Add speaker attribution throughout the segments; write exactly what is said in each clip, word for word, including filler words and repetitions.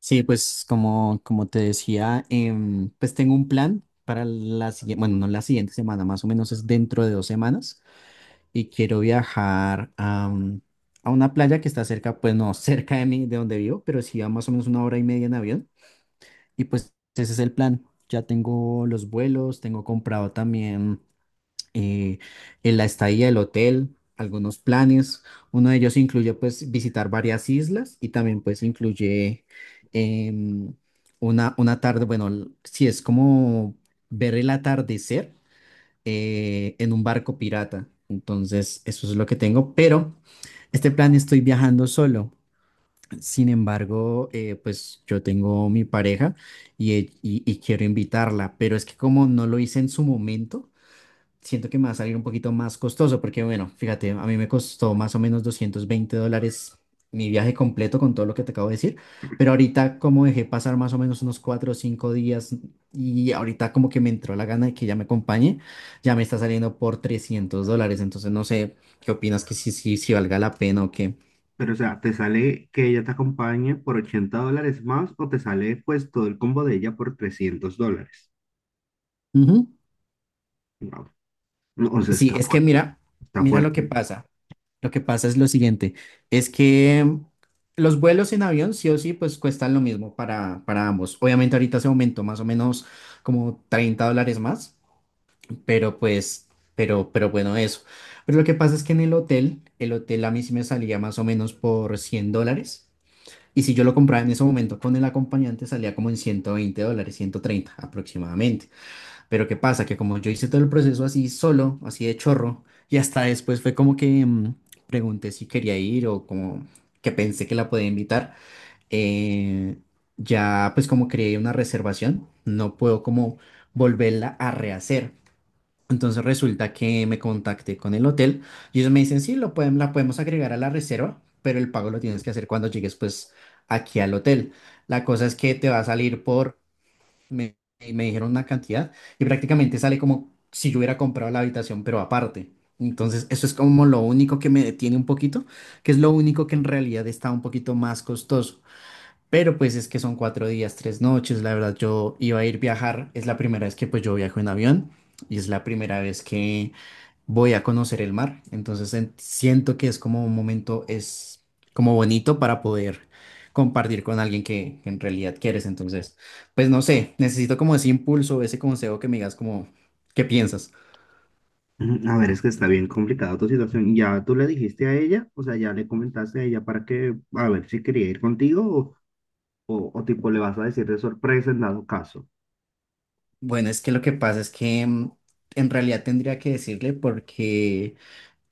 Speaker 1: Sí, pues como, como te decía, em, pues tengo un plan para la siguiente, bueno, no la siguiente semana, más o menos es dentro de dos semanas y quiero viajar a, mm, a una playa que está cerca, pues no cerca de mí, de donde vivo, pero sí a más o menos una hora y media en avión y pues ese es el plan. Ya tengo los vuelos, tengo comprado también eh, en la estadía del hotel, algunos planes. Uno de ellos incluye pues visitar varias islas y también pues incluye em, una, una tarde, bueno, l- si es como ver el atardecer eh, en un barco pirata. Entonces, eso es lo que tengo, pero este plan estoy viajando solo. Sin embargo, eh, pues yo tengo mi pareja y, e- y y quiero invitarla, pero es que como no lo hice en su momento, siento que me va a salir un poquito más costoso, porque bueno, fíjate, a mí me costó más o menos doscientos veinte dólares mi viaje completo con todo lo que te acabo de decir, pero ahorita como dejé pasar más o menos unos cuatro o cinco días y ahorita como que me entró la gana de que ya me acompañe, ya me está saliendo por trescientos dólares, entonces no sé qué opinas que si, si, si valga la pena o qué.
Speaker 2: Pero, o sea, ¿te sale que ella te acompañe por ochenta dólares más o te sale pues todo el combo de ella por trescientos dólares?
Speaker 1: Ujú.
Speaker 2: Wow. No, o sea,
Speaker 1: Sí,
Speaker 2: está
Speaker 1: es que
Speaker 2: fuerte,
Speaker 1: mira,
Speaker 2: está
Speaker 1: mira lo que
Speaker 2: fuerte.
Speaker 1: pasa. Lo que pasa es lo siguiente, es que mm, los vuelos en avión sí o sí pues cuestan lo mismo para, para ambos. Obviamente ahorita se aumentó más o menos como treinta dólares más, pero pues, pero, pero bueno, eso. Pero lo que pasa es que en el hotel, el hotel a mí sí me salía más o menos por cien dólares. Y si yo lo compraba en ese momento con el acompañante salía como en ciento veinte dólares, ciento treinta aproximadamente. Pero ¿qué pasa? Que como yo hice todo el proceso así solo, así de chorro, y hasta después fue como que mm, pregunté si quería ir o como que pensé que la podía invitar, eh, ya pues como creé una reservación, no puedo como volverla a rehacer. Entonces resulta que me contacté con el hotel y ellos me dicen, sí, lo pueden, la podemos agregar a la reserva, pero el pago lo tienes que hacer cuando llegues pues aquí al hotel. La cosa es que te va a salir por me, me dijeron una cantidad y prácticamente sale como si yo hubiera comprado la habitación, pero aparte. Entonces, eso es como lo único que me detiene un poquito, que es lo único que en realidad está un poquito más costoso. Pero pues es que son cuatro días, tres noches, la verdad yo iba a ir viajar, es la primera vez que pues yo viajo en avión y es la primera vez que voy a conocer el mar. Entonces en- siento que es como un momento, es como bonito para poder compartir con alguien que, que en realidad quieres. Entonces, pues no sé, necesito como ese impulso, ese consejo que me digas como, ¿qué piensas?
Speaker 2: Mm, A ver, es que está bien complicada tu situación. ¿Ya tú le dijiste a ella? O sea, ¿ya le comentaste a ella para que, a ver si quería ir contigo o, o, o tipo le vas a decir de sorpresa en dado caso?
Speaker 1: Bueno, es que lo que pasa es que mm, en realidad tendría que decirle porque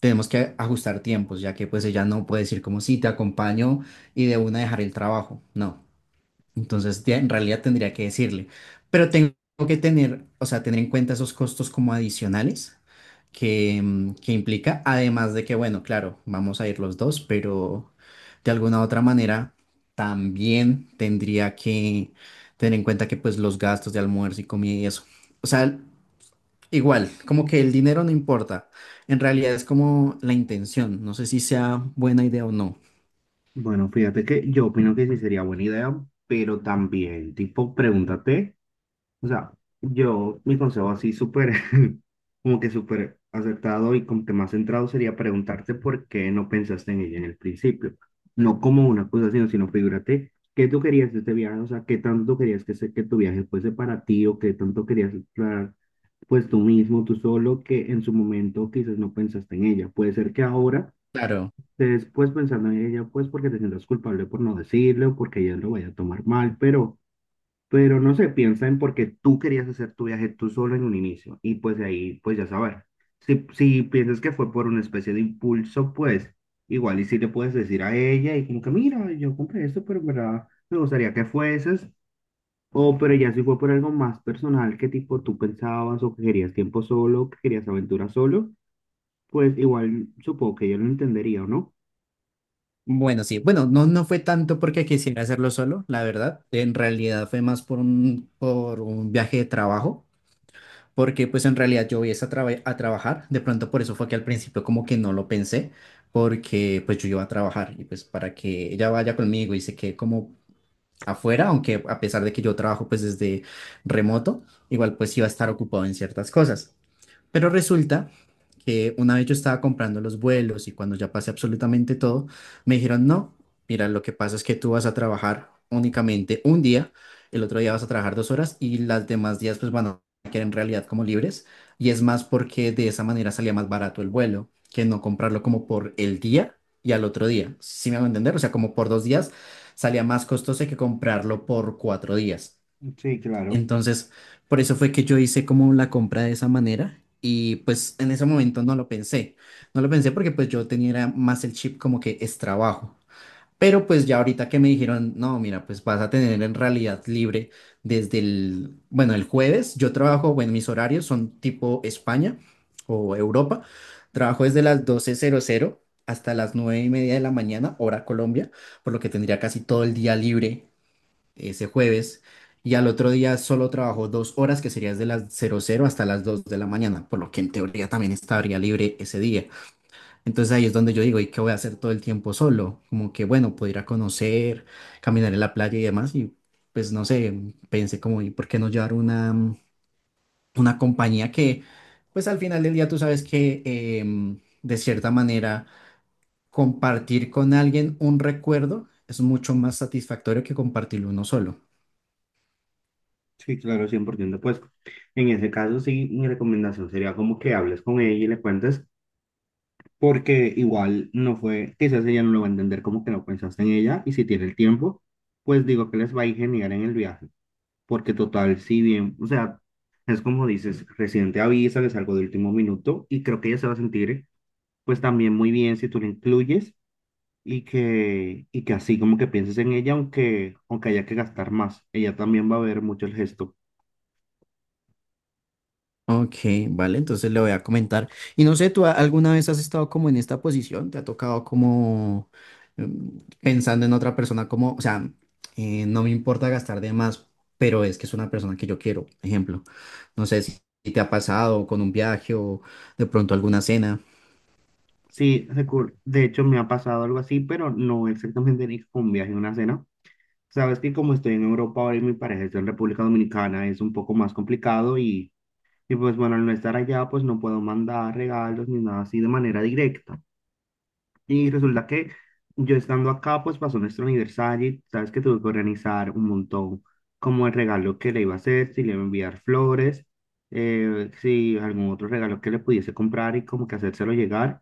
Speaker 1: tenemos que ajustar tiempos, ya que pues ella no puede decir como sí, te acompaño y de una dejar el trabajo. No. Entonces, ya en realidad tendría que decirle, pero tengo que tener, o sea, tener en cuenta esos costos como adicionales que, mm, que implica, además de que, bueno, claro, vamos a ir los dos, pero de alguna u otra manera también tendría que tener en cuenta que pues los gastos de almuerzo y comida y eso. O sea, igual, como que el dinero no importa, en realidad es como la intención, no sé si sea buena idea o no.
Speaker 2: Bueno, fíjate que yo opino que sí sería buena idea, pero también, tipo, pregúntate. O sea, yo, mi consejo así súper, como que súper acertado y como que más centrado sería preguntarte por qué no pensaste en ella en el principio. No como una cosa, sino, sino figúrate, ¿qué tú querías de este viaje? O sea, ¿qué tanto querías que, se- que tu viaje fuese para ti o qué tanto querías explorar? Pues tú mismo, tú solo, que en su momento quizás no pensaste en ella. Puede ser que ahora
Speaker 1: Claro.
Speaker 2: estés pues pensando en ella, pues porque te sientas culpable por no decirle o porque ella lo vaya a tomar mal, pero... Pero no sé, piensa en por qué tú querías hacer tu viaje tú solo en un inicio. Y pues de ahí, pues ya saber. Si, si piensas que fue por una especie de impulso, pues igual y si le puedes decir a ella y como que, mira, yo compré esto, pero en verdad me gustaría que fueses. O pero ya si fue por algo más personal, que tipo tú pensabas o que querías tiempo solo, que querías aventura solo, pues igual supongo que ella lo entendería, ¿o no?
Speaker 1: Bueno, sí, bueno, no, no fue tanto porque quisiera hacerlo solo, la verdad. En realidad fue más por un, por un viaje de trabajo, porque pues en realidad yo voy es a, traba- a trabajar. De pronto por eso fue que al principio como que no lo pensé, porque pues yo iba a trabajar y pues para que ella vaya conmigo y se quede como afuera, aunque a pesar de que yo trabajo pues desde remoto, igual pues iba a estar ocupado en ciertas cosas. Pero resulta que una vez yo estaba comprando los vuelos y cuando ya pasé absolutamente todo, me dijeron, no, mira, lo que pasa es que tú vas a trabajar únicamente un día, el otro día vas a trabajar dos horas y las demás días pues van a quedar en realidad como libres. Y es más porque de esa manera salía más barato el vuelo que no comprarlo como por el día y al otro día. ¿Sí me hago entender? O sea, como por dos días salía más costoso que comprarlo por cuatro días.
Speaker 2: Sí, claro.
Speaker 1: Entonces, por eso fue que yo hice como la compra de esa manera y pues en ese momento no lo pensé. No lo pensé porque pues yo tenía era más el chip como que es trabajo. Pero pues ya ahorita que me dijeron, no, mira, pues vas a tener en realidad libre desde el, bueno, el jueves. Yo trabajo, bueno, mis horarios son tipo España o Europa. Trabajo desde las doce hasta las nueve y media de la mañana, hora Colombia, por lo que tendría casi todo el día libre ese jueves y al otro día solo trabajó dos horas, que sería desde las cero cero hasta las dos de la mañana, por lo que en teoría también estaría libre ese día. Entonces ahí es donde yo digo, ¿y qué voy a hacer todo el tiempo solo? Como que bueno, puedo ir a conocer, caminar en la playa y demás y pues no sé, pensé como, ¿y por qué no llevar una, mm, una compañía que pues al final del día tú sabes que em, de cierta manera compartir con alguien un recuerdo es mucho más satisfactorio que compartirlo uno solo.
Speaker 2: Sí, claro, cien por ciento. Pues en ese caso, sí, mi recomendación sería como que hables con ella y le cuentes porque igual no fue, quizás ella no lo va a entender como que no pensaste en ella y si tiene el tiempo, pues digo que les va a ir genial en el viaje, porque total, si bien, o sea, es como dices, recién te avisa, es algo de último minuto y creo que ella se va a sentir pues también muy bien si tú la incluyes y que, y que así como que pienses en ella, aunque, aunque haya que gastar más, ella también va a ver mucho el gesto.
Speaker 1: Ok, vale, entonces le voy a comentar. Y no sé, ¿tú a- alguna vez has estado como en esta posición? ¿Te ha tocado como mm, pensando en otra persona como, o sea, eh, no me importa gastar de más, pero es que es una persona que yo quiero, ejemplo. No sé si si te ha pasado con un viaje o de pronto alguna cena.
Speaker 2: Sí, recu- de hecho me ha pasado algo así, pero no exactamente ni con un viaje, una cena. Sabes que como estoy en Europa ahora y mi pareja está en República Dominicana, es un poco más complicado y, y pues bueno, al no estar allá, pues no puedo mandar regalos ni nada así de manera directa. Y resulta que yo estando acá, pues pasó nuestro aniversario y sabes que tuve que organizar un montón como el regalo que le iba a hacer, si le iba a enviar flores, eh, si algún otro regalo que le pudiese comprar y como que hacérselo llegar.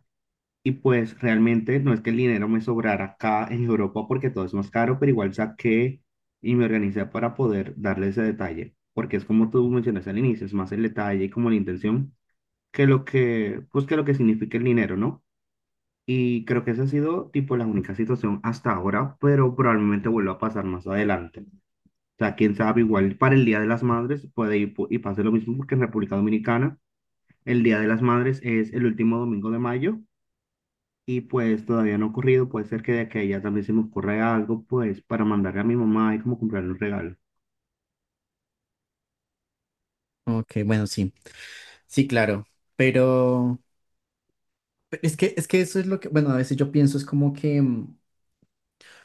Speaker 2: Y pues realmente no es que el dinero me sobrara acá en Europa porque todo es más caro, pero igual saqué y me organicé para poder darle ese detalle, porque es como tú mencionas al inicio, es más el detalle y como la intención que lo que, pues que lo que significa el dinero, ¿no? Y creo que esa ha sido tipo la única situación hasta ahora, pero probablemente vuelva a pasar más adelante. O sea, quién sabe, igual para el Día de las Madres puede ir po- y pase lo mismo porque en República Dominicana el Día de las Madres es el último domingo de mayo y pues todavía no ha ocurrido, puede ser que de que a ella también se me ocurra algo, pues para mandarle a mi mamá y como comprarle un regalo.
Speaker 1: Ok, bueno, sí, sí, claro, pero pero es que, es que eso es lo que, bueno, a veces yo pienso, es como que, mm,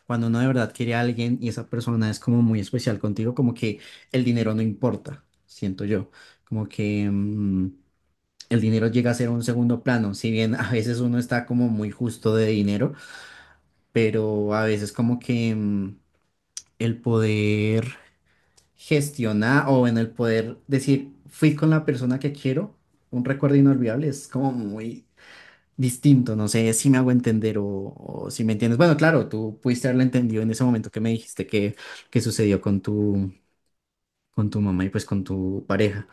Speaker 1: cuando uno de verdad quiere a alguien y esa persona es como muy especial contigo, como que el dinero no importa, siento yo. Como que mm, el dinero llega a ser un segundo plano, si bien a veces uno está como muy justo de dinero, pero a veces como que mm, el poder gestionar o en el poder decir, fui con la persona que quiero, un recuerdo inolvidable, es como muy distinto, no sé si me hago entender o, o si me entiendes. Bueno, claro, tú pudiste haberla entendido en ese momento que me dijiste que, que sucedió con tu, con tu mamá y pues con tu pareja.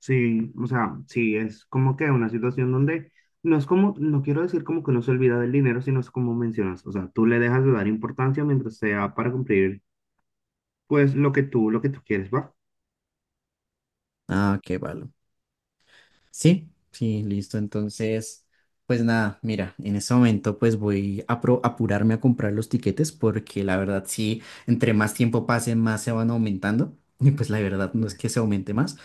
Speaker 2: Sí, o sea, sí, es como que una situación donde no es como, no quiero decir como que no se olvida del dinero, sino es como mencionas, o sea, tú le dejas de dar importancia mientras sea para cumplir pues lo que tú, lo que tú quieres, ¿va?
Speaker 1: Ah, qué valor. Sí, sí, listo. Entonces, pues nada, mira, en ese momento pues voy a pro- apurarme a comprar los tiquetes porque la verdad sí, entre más tiempo pase, más se van aumentando. Y pues la verdad no es que se aumente más.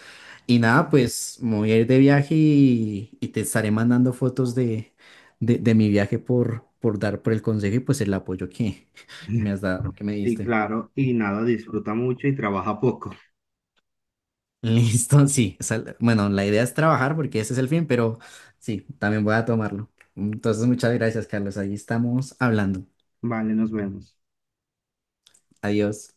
Speaker 1: Y nada, pues me voy a ir de viaje y, y te estaré mandando fotos de, de, de mi viaje por, por dar por el consejo y pues el apoyo que, que me has dado, que me
Speaker 2: Sí,
Speaker 1: diste.
Speaker 2: claro, y nada, disfruta mucho y trabaja poco.
Speaker 1: Listo, sí. Esa- bueno, la idea es trabajar porque ese es el fin, pero sí, también voy a tomarlo. Entonces, muchas gracias, Carlos. Ahí estamos hablando.
Speaker 2: Vale, nos vemos.
Speaker 1: Adiós.